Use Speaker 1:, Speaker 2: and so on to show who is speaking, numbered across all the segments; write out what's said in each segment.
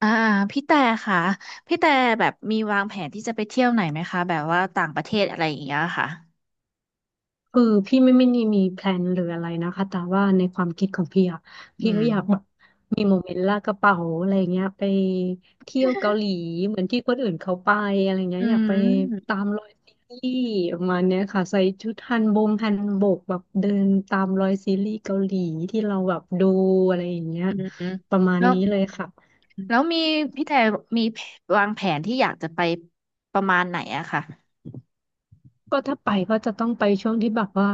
Speaker 1: อ่าพี่แต่ค่ะพี่แต่แบบมีวางแผนที่จะไปเที่ยวไหนไหมคะแบบว่าต่างประเทศอะไรอย่างเงี้ยค่ะ
Speaker 2: คือพี่ไม่ไีมีแพลนหรืออะไรนะคะแต่ว่าในความคิดของพี่อะ
Speaker 1: อื
Speaker 2: พี่
Speaker 1: ม
Speaker 2: ก็อยากแบบมีโมเมนต์ลากกระเป๋าอะไรเงี้ยไปเที่ยวเกาหลีเหมือนที่คนอื่นเขาไปอะไรเงี้
Speaker 1: อื
Speaker 2: ยอยากไป
Speaker 1: ม
Speaker 2: ตามรอยซีรีส์ประมาณเนี้ยค่ะใส่ชุดฮันบงฮันบกแบบเดินตามรอยซีรีส์เกาหลีที่เราแบบดูอะไรอย่างเงี้ย
Speaker 1: อืมอืม
Speaker 2: ประมาณ
Speaker 1: แล้ว
Speaker 2: นี้เลยค่ะ
Speaker 1: แล้วมีพี่แต่มีวางแผนที่อยากจะไปประมาณไหนอะค่ะ
Speaker 2: ก็ถ้าไปก็จะต้องไปช่วงที่แบบว่า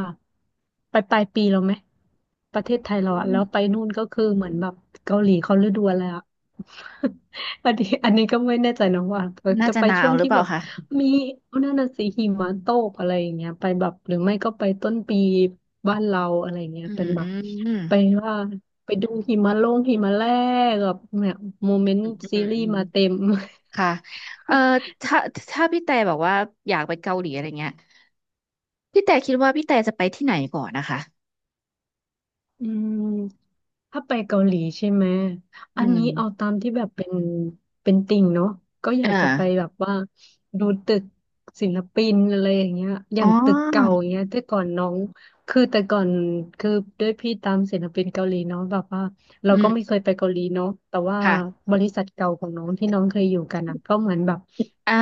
Speaker 2: ไปปลายปีเราไหมประเทศไทย
Speaker 1: อื
Speaker 2: เราอะแล้
Speaker 1: ม
Speaker 2: วไปนู่นก็คือเหมือนแบบเกาหลีเขาฤดูอะไรอะ อันนี้ก็ไม่แน่ใจนะว่า
Speaker 1: น่า
Speaker 2: จะ
Speaker 1: จะ
Speaker 2: ไป
Speaker 1: หนา
Speaker 2: ช่
Speaker 1: ว
Speaker 2: วง
Speaker 1: หรือ
Speaker 2: ที่
Speaker 1: เปล่า
Speaker 2: แบบ
Speaker 1: คะ
Speaker 2: มีนั่นน่ะสิหิมะตกอะไรอย่างเงี้ยไปแบบหรือไม่ก็ไปต้นปีบ้านเราอะไรอย่างเงี้ย
Speaker 1: อื
Speaker 2: เป็
Speaker 1: ม
Speaker 2: นแบ
Speaker 1: อื
Speaker 2: บ
Speaker 1: มอืม
Speaker 2: ไปว่าไปดูหิมะลงหิมะแรกแบบเนี่ยโมเมนต์
Speaker 1: อืม
Speaker 2: ซี
Speaker 1: อืม
Speaker 2: รีส์มาเต็ม
Speaker 1: ค่ะเอ่อถ้าถ้าพี่แต่บอกว่าอยากไปเกาหลีอะไรเงี้ยพี่แต่คิดว่าพี่แต่จะไปที่ไหนก่อนนะคะ
Speaker 2: อืม ถ้าไปเกาหลีใช่ไหม อั
Speaker 1: อื
Speaker 2: นนี้เอา
Speaker 1: ม
Speaker 2: ตามที่แบบเป็นติ่งเนาะก็อยาก
Speaker 1: อ่า
Speaker 2: จะไปแบบว่าดูตึกศิลปินอะไรอย่างเงี้ยอ
Speaker 1: อ๋
Speaker 2: ย่างตึกเก่า
Speaker 1: อ
Speaker 2: อย่างเงี้ยแต่ก่อนน้องคือแต่ก่อนคือด้วยพี่ตามศิลปินเกาหลีเนาะแบบว่าเรา
Speaker 1: อื
Speaker 2: ก็
Speaker 1: ม
Speaker 2: ไม่เคยไปเกาหลีเนาะแต่ว่า
Speaker 1: ค่ะ
Speaker 2: บริษัทเก่าของน้องที่น้องเคยอยู่กันอ่ะก็เหมือนแบบ
Speaker 1: อ่า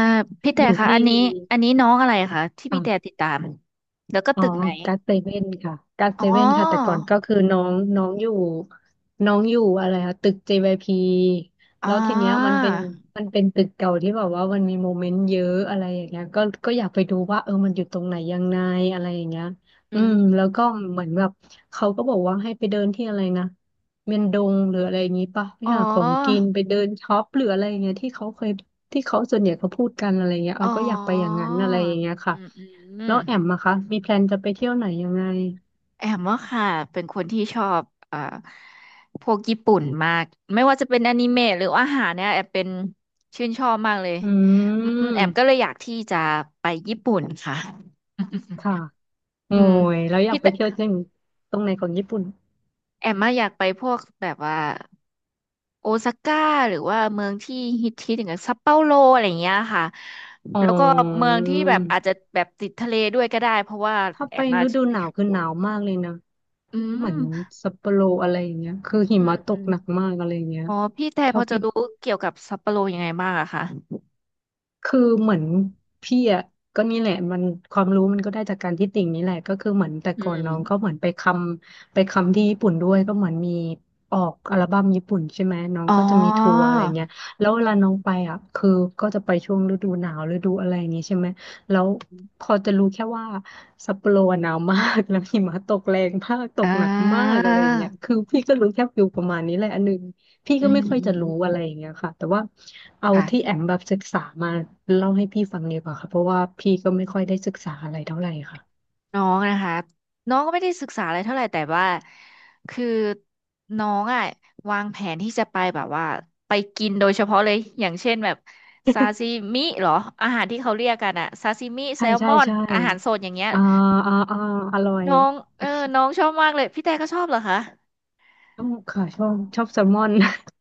Speaker 1: พี่
Speaker 2: อ
Speaker 1: แต่
Speaker 2: ยู่
Speaker 1: คะ
Speaker 2: ที่
Speaker 1: อันนี้อันนี้น้องอะไรคะที่พี่แต่ติดตามแล้วก็
Speaker 2: อ๋อ
Speaker 1: ตึกไหน
Speaker 2: กัสเซเว่นค่ะกัส
Speaker 1: อ๋
Speaker 2: เซ
Speaker 1: อ
Speaker 2: เว่นค่ะแต่ก่อนก็คือน้องน้องอยู่น้องอยู่อะไรคะตึก JYP
Speaker 1: อ๋อ
Speaker 2: แล้วทีเนี้ยมันเป็นตึกเก่าที่แบบว่ามันมีโมเมนต์เยอะอะไรอย่างเงี้ยก็อยากไปดูว่าเออมันอยู่ตรงไหนยังไงอะไรอย่างเงี้ย
Speaker 1: อื
Speaker 2: อื
Speaker 1: ม
Speaker 2: มแล้วก็เหมือนแบบเขาก็บอกว่าให้ไปเดินที่อะไรนะเมียนดงหรืออะไรอย่างงี้ป่ะไป
Speaker 1: อ๋อ
Speaker 2: หาของกินไปเดินช็อปหรืออะไรอย่างเงี้ยที่เขาเคยที่เขาส่วนใหญ่เขาพูดกันอะไรอย่างเงี้ยเอ
Speaker 1: อ๋อ
Speaker 2: อก็อยากไปอย่างนั้นอะไรอย่างเงี้ย
Speaker 1: อื
Speaker 2: ค่ะ
Speaker 1: มอื
Speaker 2: แล้
Speaker 1: ม
Speaker 2: วแอมอะคะ มีแพลนจะไปเที่ยวไหนยังไง
Speaker 1: แอมว่าค่ะเป็นคนที่ชอบพวกญี่ปุ่นมากไม่ว่าจะเป็นอนิเมะหรืออาหารเนี่ยแอมเป็นชื่นชอบมากเลย
Speaker 2: อื
Speaker 1: อืมแอม
Speaker 2: ม
Speaker 1: ก็เลยอยากที่จะไปญี่ปุ่นค่ะ
Speaker 2: ค่ะ โอ้
Speaker 1: อืม
Speaker 2: ยแล้วอยาก
Speaker 1: พี่
Speaker 2: ไป
Speaker 1: แต่
Speaker 2: เที่ยวที่ตรงไหนของญี่ปุ่น
Speaker 1: แอมมาอะอยากไปพวกแบบว่า โอซาก้าหรือว่าเมืองที่ฮิตอย่างเงี้ยซัปเปาโลอะไรอย่างเงี้ยค่ะ
Speaker 2: อ๋อ
Speaker 1: แล้วก็เมืองที่แบบอาจจะแบบติดทะเลด้วยก็ได้เพราะว่า
Speaker 2: ถ้า
Speaker 1: แอ
Speaker 2: ไป
Speaker 1: มมา
Speaker 2: ฤดูหนาวคือหนาวมากเลยนะ
Speaker 1: อื
Speaker 2: เหมือน
Speaker 1: ม
Speaker 2: ซัปโปโรอะไรอย่างเงี้ย คือหิ
Speaker 1: อืม
Speaker 2: มะต
Speaker 1: อื
Speaker 2: ก
Speaker 1: ม
Speaker 2: หนักมากอะไรอย่างเงี้ย
Speaker 1: อ๋อพี่แต่พ
Speaker 2: เท่า
Speaker 1: อจะ
Speaker 2: ที่
Speaker 1: รู้เกี่ยวกับซัปเปาโลยังไงบ้างอะคะ
Speaker 2: คือเหมือนพี่อ่ะก็นี่แหละมันความรู้มันก็ได้จากการที่ติ่งนี่แหละก็คือเหมือนแต่
Speaker 1: อื
Speaker 2: ก่อน
Speaker 1: ม
Speaker 2: น้องก็เหมือนไปคำไปคำที่ญี่ปุ่นด้วยก็เหมือนมีออกอัลบั้มญี่ปุ่นใช่ไหมน้อง
Speaker 1: อ๋อ
Speaker 2: ก็จะมีทัวร์อะไรเงี้ยแล้วเวลาน้องไปอ่ะคือก็จะไปช่วงฤดูหนาวฤดูอะไรอย่างนี้ใช่ไหมแล้วพอจะรู้แค่ว่าซัปโปโรอะหนาวมาก แล้วหิมะตกแรงมากต
Speaker 1: อ่
Speaker 2: กหนักมาก
Speaker 1: า
Speaker 2: อะไรอย่างเงี้ยคือพี่ก็รู้แค่ฟิลประมาณนี้แหละอันหนึ่ง พี่
Speaker 1: อื
Speaker 2: ก็ไม่
Speaker 1: ม
Speaker 2: ค่อย
Speaker 1: อื
Speaker 2: จะ
Speaker 1: มอื
Speaker 2: รู้อะไรอ
Speaker 1: ม
Speaker 2: ย่างเงี้ยค่ะแต่ว่าเอาที่
Speaker 1: ค่ะ
Speaker 2: แอมแบบศึกษามาเล่าให้พี่ฟังดีกว่าค่ะเพราะว่าพี่ก็ไม่ค่อยได้ศึกษาอะไรเท่าไหร่ค่ะ
Speaker 1: น้องนะคะน้องก็ไม่ได้ศึกษาอะไรเท่าไหร่แต่ว่าคือน้องอ่ะวางแผนที่จะไปแบบว่าไปกินโดยเฉพาะเลยอย่างเช่นแบบซาซิมิเหรออาหารที่เขาเรียกกันอะซาซิมิแซ
Speaker 2: ใช่
Speaker 1: ลม
Speaker 2: ใช่
Speaker 1: อน
Speaker 2: ใช่
Speaker 1: อาหารสดอย่างเงี้ย
Speaker 2: อ่าอ่าอ่าอร่อย
Speaker 1: น้องเออน้องชอบมากเลยพี่แต่ก็ชอบเหรอคะ
Speaker 2: ต้องค่ะชอบชอบแซลมอน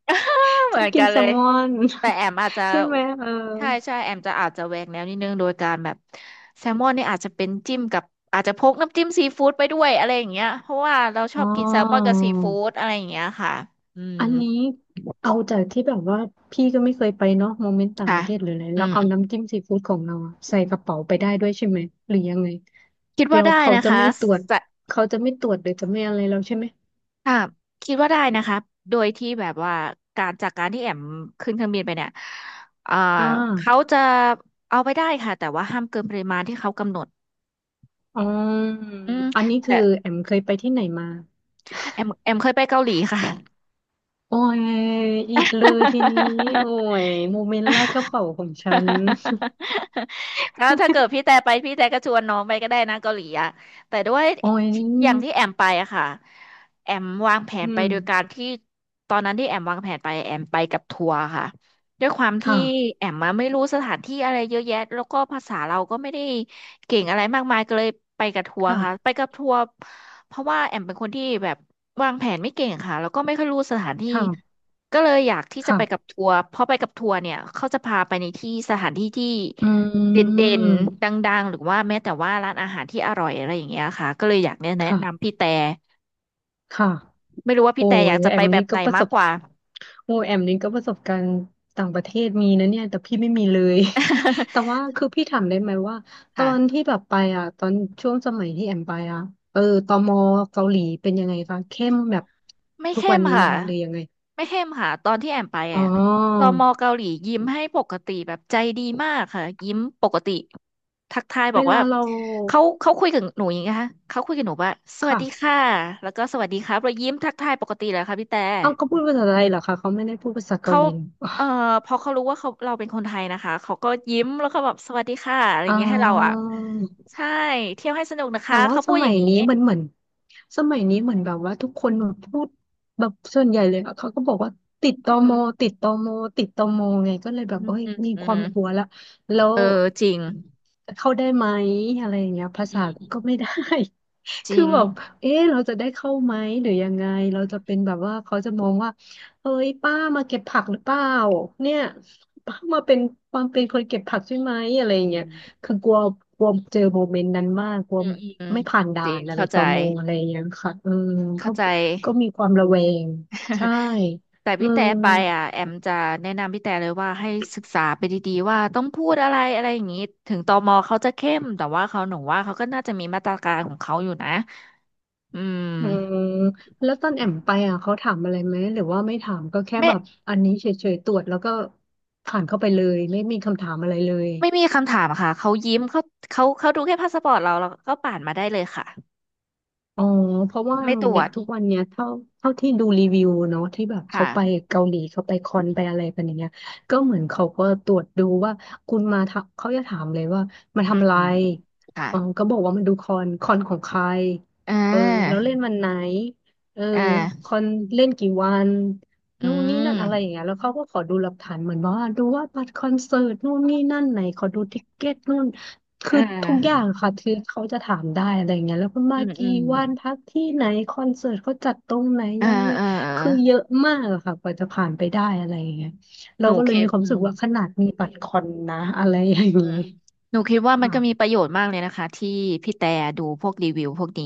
Speaker 1: เห
Speaker 2: ช
Speaker 1: มื
Speaker 2: อ
Speaker 1: อ
Speaker 2: บ
Speaker 1: น
Speaker 2: กิ
Speaker 1: กั
Speaker 2: น
Speaker 1: น
Speaker 2: แซ
Speaker 1: เล
Speaker 2: ล
Speaker 1: ย
Speaker 2: มอน
Speaker 1: แต่แอมอาจจะ
Speaker 2: ใช่ไหมเออ
Speaker 1: ใช่ใช่แอมจะอาจจะแหวกแนวนิดนึงโดยการแบบแซลมอนนี่อาจจะเป็นจิ้มกับอาจจะพกน้ำจิ้มซีฟู้ดไปด้วยอะไรอย่างเงี้ยเพราะว่าเราชอ
Speaker 2: อ๋อ
Speaker 1: บกินแซลมอนกับซีฟู้ดอะไรอย่างเงี้ยค่ะอืม
Speaker 2: อันนี้เอาจากที่แบบว่าพี่ก็ไม่เคยไปเนาะโมเมนต์ต่าง
Speaker 1: ค่ะ
Speaker 2: ประเทศหรืออะไร
Speaker 1: อื
Speaker 2: เรา
Speaker 1: ม
Speaker 2: เอาน้ำจิ้มซีฟู้ดของเราอะใส่กระเป๋าไปได้ด้วยใช่ไหมหรือยังไง
Speaker 1: คิด
Speaker 2: แล้
Speaker 1: ว่า
Speaker 2: ว
Speaker 1: ได้
Speaker 2: เขา
Speaker 1: นะ
Speaker 2: จะ
Speaker 1: คะ
Speaker 2: ไม่ตรวจ
Speaker 1: สะ
Speaker 2: เขาจะไม่ตรวจหรือจะไม่อะไรแล้วใช่ไหม
Speaker 1: ค่ะคิดว่าได้นะคะโดยที่แบบว่าการจากการที่แอมขึ้นเครื่องบินไปเนี่ยเอ่า
Speaker 2: อ่
Speaker 1: เขา
Speaker 2: า
Speaker 1: จะเอาไปได้ค่ะแต่ว่าห้ามเกินปริมาณที่เขากำหนด
Speaker 2: อ๋อ
Speaker 1: อืม
Speaker 2: อันนี้คื
Speaker 1: แต่
Speaker 2: อแอมเคยไปที่ไหนมา
Speaker 1: แอมเคยไปเกาหลีค่ะ
Speaker 2: โอ้ยอิดเลยทีนี้โอ้ ยโมเมนต์ลากกระเป๋าของฉัน
Speaker 1: แล้วถ้าเกิดพี่แต่ไปพี่แต่ก็ชวนน้องไปก็ได้นะเกาหลีอะแต่ด้วย
Speaker 2: โอ้ย
Speaker 1: อย่างที่แอมไปอะค่ะแอมวางแผ
Speaker 2: อื
Speaker 1: นไป
Speaker 2: ม
Speaker 1: โดยการที่ตอนนั้นที่แอมวางแผนไปแอมไปกับทัวร์ค่ะด้วยความที่
Speaker 2: ค่ะ
Speaker 1: แอมมาไม่รู้สถานที่อะไรเยอะแยะแล้วก็ภาษาเราก็ไม่ได้เก่งอะไรมากมายก็เลยไปกับทัวร์ค่ะไป
Speaker 2: ค่ะ
Speaker 1: กับทัวร์เพราะว่าแอมเป็นคนที่แบบวางแผนไม่เก่งค่ะแล้วก็ไม่ค่อยรู้สถานที่
Speaker 2: ค่ะ
Speaker 1: ก็เลยอยากที่จะไปกับ
Speaker 2: ค่ะ
Speaker 1: ทัวร์เพราะไปกับทัวร์เนี่ยเขาจะพาไปในที่สถานที่ที่
Speaker 2: อื
Speaker 1: เด่นๆดน
Speaker 2: ม
Speaker 1: ดังๆหรือว่าแม้แต่ว่าร้านอาหารที่อร่อยอะไรอย่างเงี้ยค่ะก็เลยอยากแนะนำ
Speaker 2: ค่ะ
Speaker 1: พี่แต่
Speaker 2: ค่ะ
Speaker 1: ไม่รู้ว่า
Speaker 2: โอ้
Speaker 1: พี่แต่อ
Speaker 2: ย
Speaker 1: ยากจะ
Speaker 2: แอ
Speaker 1: ไป
Speaker 2: ม
Speaker 1: แบ
Speaker 2: นี่
Speaker 1: บไห
Speaker 2: ก็
Speaker 1: น
Speaker 2: ประส
Speaker 1: มาก
Speaker 2: บ
Speaker 1: กว่า
Speaker 2: โอ้ยแอมนี่ก็ประสบการณ์ต่างประเทศมีนะเนี่ยแต่พี่ไม่มีเลย แต่ว่า คือพี่ถามได้ไหมว่าตอน
Speaker 1: ค่ะ
Speaker 2: ที่แบบไปอ่ะตอนช่วงสมัยที่แอมไปอ่ะเออตมเกาหลีเป็นยังไงคะเข้มแบบ
Speaker 1: ไม่
Speaker 2: ทุก
Speaker 1: เข้
Speaker 2: วัน
Speaker 1: ม
Speaker 2: นี้ไหม
Speaker 1: ค่ะ
Speaker 2: คะหรือยังไง
Speaker 1: ไม่เข้มค่ะตอนที่แอมไป
Speaker 2: อ๋
Speaker 1: อ่ะต
Speaker 2: อ
Speaker 1: มเกาหลียิ้มให้ปกติแบบใจดีมากค่ะยิ้มปกติทักทายบ
Speaker 2: เว
Speaker 1: อก
Speaker 2: ลา
Speaker 1: ว่า
Speaker 2: เรา
Speaker 1: เขาคุยกับหนูอย่างนี้นะคะเขาคุยกับหนูว่าสวัส
Speaker 2: ค่ะ
Speaker 1: ดีค่ะแล้วก็สวัสดีครับเรายิ้มทักทายปกติเลยค่ะพี่แต่
Speaker 2: เอ้าเขาพูดภาษาไทยเหรอคะเขาไม่ได้พูดภาษาเกา
Speaker 1: เขา
Speaker 2: หลีเหรอ
Speaker 1: เอ่อพอเขารู้ว่าเขาเราเป็นคนไทยนะคะเขาก็ยิ้มแล้วก็แบบสวัสดีค่ะอะไรอ
Speaker 2: อ๋
Speaker 1: ย่าง
Speaker 2: อ
Speaker 1: เงี้ยให้เราอ่ะใช่เที่ยวให้สนุกนะ
Speaker 2: แต่
Speaker 1: คะ
Speaker 2: ว่า
Speaker 1: เขา
Speaker 2: ส
Speaker 1: พูดอ
Speaker 2: มั
Speaker 1: ย่า
Speaker 2: ย
Speaker 1: งนี้
Speaker 2: นี้มันเหมือนสมัยนี้เหมือนแบบว่าทุกคนแบบพูดแบบส่วนใหญ่เลยอะเขาก็บอกว่าติดต
Speaker 1: อื
Speaker 2: ม
Speaker 1: ม
Speaker 2: ติดตมติดตมไงก็เลยแบ
Speaker 1: อื
Speaker 2: บ
Speaker 1: ม
Speaker 2: เอ้ย
Speaker 1: อืม
Speaker 2: มี
Speaker 1: อื
Speaker 2: ค
Speaker 1: ม
Speaker 2: วามกลัวละแล้ว
Speaker 1: เออจริง
Speaker 2: เข้าได้ไหมอะไรอย่างเงี้ยภา
Speaker 1: อื
Speaker 2: ษากู
Speaker 1: ม
Speaker 2: ก็ไม่ได้
Speaker 1: จ
Speaker 2: คื
Speaker 1: ริ
Speaker 2: อ
Speaker 1: ง
Speaker 2: แบบเอ๊ะเราจะได้เข้าไหมหรือยังไง เราจะเป็นแบบว่าเขาจะมองว่าเอ้ยป้ามาเก็บผักหรือเปล่าเนี่ยป้ามาเป็นความเป็นคนเก็บผักใช่ไหมอะไร
Speaker 1: อื
Speaker 2: อย่างเงี้ย
Speaker 1: ม
Speaker 2: คือกลัวกลัวเจอโมเมนต์นั้นมาก กลัว
Speaker 1: อืมอืมอื
Speaker 2: ไม่ผ่าน
Speaker 1: จ
Speaker 2: ด่า
Speaker 1: ริง
Speaker 2: นอะไร
Speaker 1: เข้าใจ
Speaker 2: ต่อมงอะไรอย่างเงี้ยค่ะเออ
Speaker 1: เข้า
Speaker 2: ก็
Speaker 1: ใจ
Speaker 2: ก็มีความระแวงใช่
Speaker 1: แต่
Speaker 2: เออ
Speaker 1: พี่แต่ไปอ่ะแอมจะแนะนำพี่แต่เลยว่าให้ศึกษาไปดีๆว่าต้องพูดอะไรอะไรอย่างนี้ถึงตมเขาจะเข้มแต่ว่าเขาหนูว่าเขาก็น่าจะมีมาตรการของเขาอยู่นะอืม
Speaker 2: อืมแล้วตอนแอมไปอ่ะเขาถามอะไรไหมหรือว่าไม่ถามก็แค่
Speaker 1: ไม่
Speaker 2: แบบอันนี้เฉยๆตรวจแล้วก็ผ่านเข้าไปเลยไม่มีคำถามอะไรเลย
Speaker 1: ไม่มีคำถามค่ะเขายิ้มเขาดูแค่พาสปอร์ตเราแล้วก็ผ่านมาได้เลยค่ะ
Speaker 2: อ๋อเพราะว่า
Speaker 1: ไม่ตรว
Speaker 2: เนี่ย
Speaker 1: จ
Speaker 2: ทุกวันเนี้ยเท่าที่ดูรีวิวเนาะที่แบบเขาไป
Speaker 1: ค่ะ
Speaker 2: เกาหลีเขาไปคอนไปอะไรกันอย่างเงี้ยก็เหมือนเขาก็ตรวจดูว่าคุณมาทำเขาจะถามเลยว่ามา
Speaker 1: อืม
Speaker 2: ทำอะไร
Speaker 1: ค่ะ
Speaker 2: อ๋อก็บอกว่ามาดูคอนของใคร
Speaker 1: อ่
Speaker 2: เออแล้
Speaker 1: า
Speaker 2: วเล่นวันไหนเออ
Speaker 1: อ่
Speaker 2: ค
Speaker 1: า
Speaker 2: อนเล่นกี่วัน
Speaker 1: อื
Speaker 2: นู่นนี่นั่
Speaker 1: ม
Speaker 2: นอะไรอย่างเงี้ยแล้วเขาก็ขอดูหลักฐานเหมือนว่าดูว่าบัตรคอนเสิร์ตนู่นนี่นั่นไหนขอดูติกเก็ตนู่น คื
Speaker 1: อ่
Speaker 2: อทุกอย่าง
Speaker 1: า
Speaker 2: ค่ะคือเขาจะถามได้อะไรเงี้ยแล้วคุณ
Speaker 1: อื
Speaker 2: มา
Speaker 1: มอื
Speaker 2: กี่
Speaker 1: ม
Speaker 2: วันพักที่ไหนคอนเสิร์ตเขาจัดตรงไหน
Speaker 1: อ่า
Speaker 2: ยังไง
Speaker 1: อ่าอ่า
Speaker 2: คือเยอะมากอะค่ะกว่าจะผ่านไปได้อะไรอย่างเงี้ยเรา
Speaker 1: หนู
Speaker 2: ก็เลย
Speaker 1: คิ
Speaker 2: มี
Speaker 1: ด
Speaker 2: ความ
Speaker 1: อื
Speaker 2: รู้สึ
Speaker 1: ม
Speaker 2: กว่าขนาดมีบัตรคอนนะอะไรอย่าง
Speaker 1: อืม
Speaker 2: งี้
Speaker 1: หนูคิดว่ามัน
Speaker 2: ค่ะ
Speaker 1: ก็มีประโยชน์มากเลยนะคะที่พี่แต่ดูพวกรีวิวพวกนี้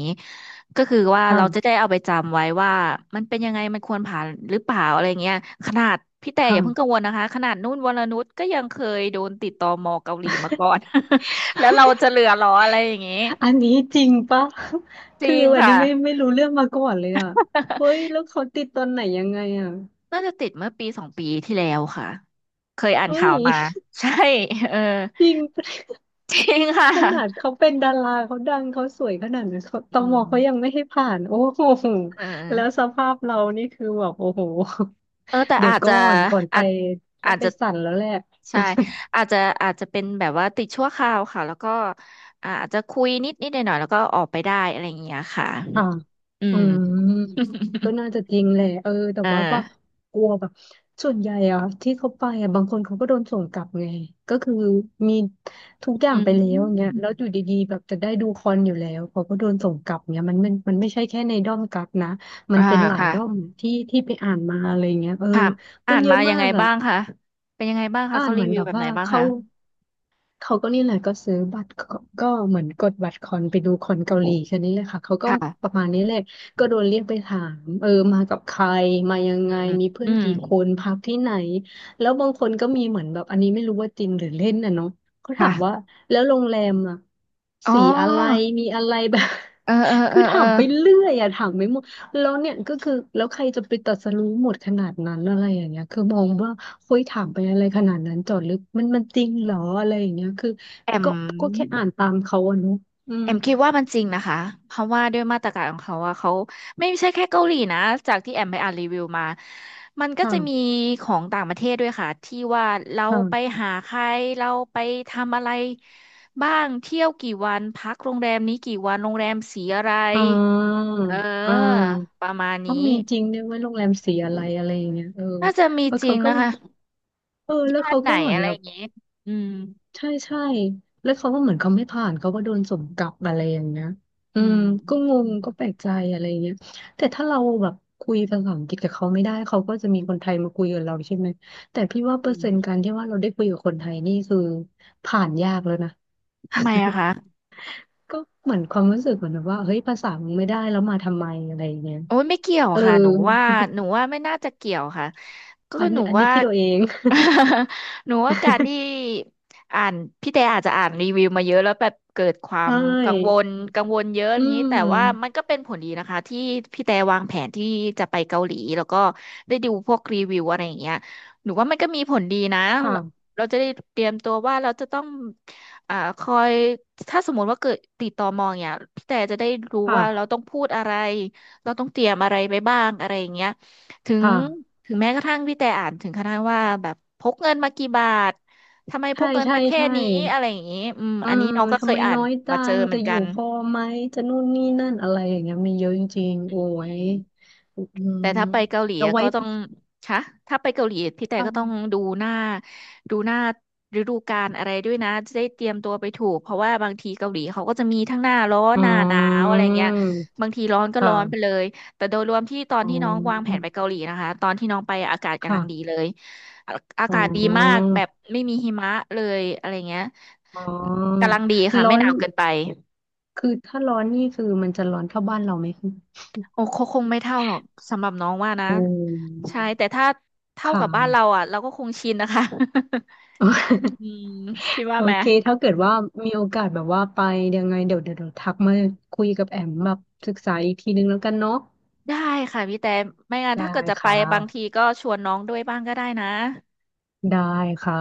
Speaker 1: ก็คือว่าเราจะได้
Speaker 2: ค่ะ
Speaker 1: เอาไปจำไว้ว่ามันเป็นยังไงมันควรผ่านหรือเปล่าอะไรเงี้ยขนาดพี่แต่อย่าเพิ่งกัง
Speaker 2: ค่ะ
Speaker 1: วลนะคะขนาดนุ่นวรนุชก็ยังเคยโดนติดตมเกาหลีมาก่อน แล้วเราจะเหลือเหรออะไรอย่างงี้
Speaker 2: อันนี้จริงปะ
Speaker 1: จริ
Speaker 2: คือ
Speaker 1: ง
Speaker 2: อัน
Speaker 1: ค่ะ
Speaker 2: นี้ไม่รู้เรื่องมาก่อนเลยอะเฮ้ยแล้วเขาติดตอนไหนยังไงอะ
Speaker 1: น่าจะติดเมื่อปีสองปีที่แล้วค่ะเคยอ่าน
Speaker 2: เฮ้
Speaker 1: ข่า
Speaker 2: ย
Speaker 1: วมาใช่เออ
Speaker 2: จริง
Speaker 1: จริงค่ะ
Speaker 2: ขนาดเขาเป็นดาราเขาดังเขาสวยขนาดนั้นเขาต
Speaker 1: อื
Speaker 2: มเขายัง
Speaker 1: ม
Speaker 2: ไม่ให้ผ่านโอ้โห
Speaker 1: เอ
Speaker 2: แล้วส
Speaker 1: อ
Speaker 2: ภาพเรานี่คือแบบโอ้โห
Speaker 1: เออแต่
Speaker 2: เดี๋ย
Speaker 1: อา
Speaker 2: ว
Speaker 1: จจะ
Speaker 2: ก่อนไป
Speaker 1: อาจ
Speaker 2: ต้อ
Speaker 1: อา
Speaker 2: ง
Speaker 1: จ
Speaker 2: ไป
Speaker 1: จะ
Speaker 2: สั่นแล้วแหละ
Speaker 1: ใช่อาจจะอาจจะเป็นแบบว่าติดชั่วคราวค่ะแล้วก็อาจจะคุยนิดหน่อยๆแล้วก็ออกไปได้อะไรอย่างเงี้ยค่ะ
Speaker 2: ค่ะ
Speaker 1: อื
Speaker 2: อื
Speaker 1: ม
Speaker 2: ม ก็น่าจะจริงแหละเออแต่
Speaker 1: เอ
Speaker 2: ว่า
Speaker 1: อ
Speaker 2: กลัวแบบส่วนใหญ่อะที่เขาไปอะบางคนเขาก็โดนส่งกลับไง ก็คือมีทุกอย่า
Speaker 1: อื
Speaker 2: งไปแล้วอย่างเงี้ย
Speaker 1: ม
Speaker 2: แล้วอยู่ดีๆแบบจะได้ดูคอนอยู่แล้วเขาก็โดนส่งกลับเงี้ยมันไม่ใช่แค่ในด้อมกักนะมัน
Speaker 1: อ่า
Speaker 2: เป็นหลาย
Speaker 1: ค่ะ
Speaker 2: ด้อมที่ที่ไปอ่านมาอะไรเงี้ยเออ
Speaker 1: ค่ะ
Speaker 2: เป็
Speaker 1: อ่า
Speaker 2: น
Speaker 1: น
Speaker 2: เย
Speaker 1: มา
Speaker 2: อะ
Speaker 1: ยั
Speaker 2: มา
Speaker 1: งไง
Speaker 2: กอะ
Speaker 1: บ้างคะเป็นยังไงบ้างคะ
Speaker 2: อ่า
Speaker 1: เขา
Speaker 2: นเห
Speaker 1: รี
Speaker 2: มือน
Speaker 1: วิ
Speaker 2: แบ
Speaker 1: ว
Speaker 2: บ
Speaker 1: แบบไหน
Speaker 2: ว่า
Speaker 1: บ้าง
Speaker 2: เขา
Speaker 1: คะ
Speaker 2: เขาก็นี่แหละก็ซื้อบัตรก็เหมือนกดบัตรคอนไปดูคอนเกาหลีแค่นี้เลยค่ะเขาก็ป
Speaker 1: ค่ะ
Speaker 2: ระมาณนี้แลยก็โดนเรียกไปถามเออมากับใครมายัง
Speaker 1: อื
Speaker 2: ไง
Speaker 1: มอืม
Speaker 2: มีเพื่
Speaker 1: อื
Speaker 2: อนกี่ค
Speaker 1: ม
Speaker 2: นพักที่ไหนแล้วบางคนก็มีเหมือนแบบอันนี้ไม่รู้ว่าจริงหรือเล่นนะเนาะเขาถามว่า
Speaker 1: ค่ะ
Speaker 2: แล้วโรงแรมอะ
Speaker 1: อ๋อ
Speaker 2: สีอะไรมีอะไรแบบ
Speaker 1: เออเออ เอ
Speaker 2: คื
Speaker 1: อ
Speaker 2: อ
Speaker 1: เอ
Speaker 2: ถา
Speaker 1: อ
Speaker 2: มไปเรื่อยอะถามไม่หมดแล้วเนี่ยก็คือแล้วใครจะไปตรัสรู้หมดขนาดนั้นอะไรอย่างเงี้ยคือมองว่า คุยถามไปอะไรขนาดนั้นจอดลึกมันจริงเหรออะไรอย่างเงี้ยคือ
Speaker 1: แอ
Speaker 2: ก็ก็แค่
Speaker 1: ม
Speaker 2: อ่านตามเขาอะเนอะอื
Speaker 1: เอ
Speaker 2: ม
Speaker 1: มคิดว่ามันจริงนะคะเพราะว่าด้วยมาตรการของเขาว่าเขาไม่ใช่แค่เกาหลีนะจากที่แอมไปอ่านรีวิวมามันก็จะมี
Speaker 2: ค่ะ
Speaker 1: ของต่างประเทศด้วยค่ะที่ว่าเราไป
Speaker 2: ค่ะ
Speaker 1: หาใครเราไปทำอะไรบ้างเที่ยวกี่วันพักโรงแรมนี้กี่วันโรงแรมสีอะไร
Speaker 2: อ่า
Speaker 1: เอ
Speaker 2: อ่า
Speaker 1: อประมาณ
Speaker 2: ว่า
Speaker 1: นี้
Speaker 2: มีจริงด้วยว่าโรงแรมสีอะไรอะไรอย่างเงี้ยเออ
Speaker 1: น่าจะมี
Speaker 2: แล้ว
Speaker 1: จริ
Speaker 2: เขา
Speaker 1: ง
Speaker 2: ก็
Speaker 1: นะคะ
Speaker 2: เออแล้ว
Speaker 1: ญา
Speaker 2: เขา
Speaker 1: ติไหน
Speaker 2: ก็เหมือน
Speaker 1: อะไร
Speaker 2: แบ
Speaker 1: อ
Speaker 2: บ
Speaker 1: ย่างงี้อืม
Speaker 2: ใช่ใช่แล้วเขาก็เหมือนเขาไม่ผ่านเขาก็โดนส่งกลับอะไรอย่างเงี้ยอื
Speaker 1: อื
Speaker 2: ม
Speaker 1: ม
Speaker 2: ก็ง
Speaker 1: อืม
Speaker 2: งก็แปลกใจอะไรเงี้ยแต่ถ้าเราแบบคุยภาษาอังกฤษกับเขาไม่ได้เขาก็จะมีคนไทยมาคุยกับเราใช่ไหมแต่พี่ว่าเปอร์
Speaker 1: อื
Speaker 2: เซ็นต์กา
Speaker 1: ม
Speaker 2: รที่ว่าเราได้คุยกับคนไทยนี่คือผ่านยากแล้วนะ
Speaker 1: ทำไมอะคะ
Speaker 2: ก็เหมือนความรู้สึกเหมือนแบบว่าเฮ้ยภาษามึงไม่ได้แล้วมาทำไมอะไรอย่างเงี้ย
Speaker 1: โอ้ยไม่เกี่ยว
Speaker 2: เออ
Speaker 1: ค่ะหนูว่าหนูว่าไม่น่าจะเกี่ยวค่ะก็
Speaker 2: อั
Speaker 1: คื
Speaker 2: น
Speaker 1: อห
Speaker 2: นี้
Speaker 1: นู
Speaker 2: อันนี้
Speaker 1: ว่า
Speaker 2: คิดเอาเอง
Speaker 1: หนูว่าการที่อ่านพี่แต่อาจจะอ่านรีวิวมาเยอะแล้วแบบเกิดค วา
Speaker 2: ใช
Speaker 1: มกังว
Speaker 2: ่
Speaker 1: ลกังวลเยอะอ
Speaker 2: อื
Speaker 1: ย่างนี้แต่ว่ามัน
Speaker 2: ม
Speaker 1: ก็เป็นผลดีนะคะที่พี่แต่วางแผนที่จะไปเกาหลีแล้วก็ได้ดูพวกรีวิวอะไรอย่างเงี้ยหนูว่ามันก็มีผลดีนะ
Speaker 2: ค่ะ
Speaker 1: เราจะได้เตรียมตัวว่าเราจะต้องคอยถ้าสมมติว่าเกิดติดต่อมองเนี่ยพี่แต่จะได้รู้ว่าเรา
Speaker 2: ค่ะ
Speaker 1: ต้องพูดอะไร เราต้องเตรียมอะไรไปบ้างอะไรอย่างเงี้ยถึง
Speaker 2: ค่ะ
Speaker 1: ถึงแม้กระทั่งพี่แต่อ่านถึงขนาดว่าแบบพกเงินมากี่บาท ทำไมพ
Speaker 2: ใช่
Speaker 1: กเงิน
Speaker 2: ใช่
Speaker 1: มาแค่
Speaker 2: ใช่
Speaker 1: นี้อะไรอย่างงี้อืม
Speaker 2: เออ
Speaker 1: อันนี้น้องก็เค
Speaker 2: ทำ
Speaker 1: ย
Speaker 2: ไม
Speaker 1: อ่า
Speaker 2: น้
Speaker 1: น
Speaker 2: อยจั
Speaker 1: มาเจอ
Speaker 2: ง
Speaker 1: เหมื
Speaker 2: จะ
Speaker 1: อน
Speaker 2: อ
Speaker 1: กั
Speaker 2: ยู่
Speaker 1: น
Speaker 2: พอไหมจะนู่นนี่นั่นอะไรอย่างเงี้ยมีเยอะจริงๆ
Speaker 1: อื
Speaker 2: โอ้ย
Speaker 1: ม
Speaker 2: อืม
Speaker 1: แต่ถ้าไปเกาหลี
Speaker 2: เอา
Speaker 1: อะ
Speaker 2: ไว้
Speaker 1: ก็ต้อ
Speaker 2: ทุ
Speaker 1: ง
Speaker 2: ก
Speaker 1: คะถ้าไปเกาหลีพี่แต่
Speaker 2: ครั้
Speaker 1: ก็
Speaker 2: ง
Speaker 1: ต้องดูหน้าฤดูกาลอะไรด้วยนะจะได้เตรียมตัวไปถูกเพราะว่าบางทีเกาหลีเขาก็จะมีทั้งหน้าร้อน
Speaker 2: อื
Speaker 1: หน้าหนาวอะไรเงี้ย
Speaker 2: ม
Speaker 1: บางทีร้อนก็
Speaker 2: ค
Speaker 1: ร้อนไปเล
Speaker 2: ่ะ
Speaker 1: ยแต่โดยรวมที่ตอน
Speaker 2: อ๋
Speaker 1: ที่น้องวางแผ
Speaker 2: อ
Speaker 1: นไปเกาหลีนะคะตอนที่น้องไปอากาศกำลังดี
Speaker 2: ค่ะ
Speaker 1: เลยอาอา
Speaker 2: อ๋
Speaker 1: กาศดีมาก
Speaker 2: อ
Speaker 1: แบบไม่มีหิมะเลยอะไรเงี้ย
Speaker 2: อ๋อ
Speaker 1: กำลังดีค่ะ
Speaker 2: ร้อ
Speaker 1: ไม่ห
Speaker 2: น
Speaker 1: นาวเกินไป
Speaker 2: คือถ้าร้อนนี่คือมันจะร้อนเท่าบ้านเราไหมคะ
Speaker 1: โอ้คงไม่เท่าหรอกสำหรับน้องว่านะ
Speaker 2: โอ
Speaker 1: ใช่แต่ถ้า
Speaker 2: ค
Speaker 1: เท่ากับบ้านเรา
Speaker 2: ่ะ
Speaker 1: อ่ะเราก็คงชินนะคะ อืมคิดว่า
Speaker 2: โอ
Speaker 1: ไหม
Speaker 2: เคถ้าเกิดว่ามีโอกาสแบบว่าไปยังไงเดี๋ยวทักมาคุยกับแอมแบบศึกษาอีกทีนึงแล้วกันเนาะ
Speaker 1: ได้ค่ะพี่แต่ไม่งั้น
Speaker 2: ได้
Speaker 1: ถ้าเกิดจะไป
Speaker 2: ค่
Speaker 1: บางที
Speaker 2: ะ
Speaker 1: ก็ชวนน้องด้วยบ้างก็ได้นะ
Speaker 2: ได้ค่ะ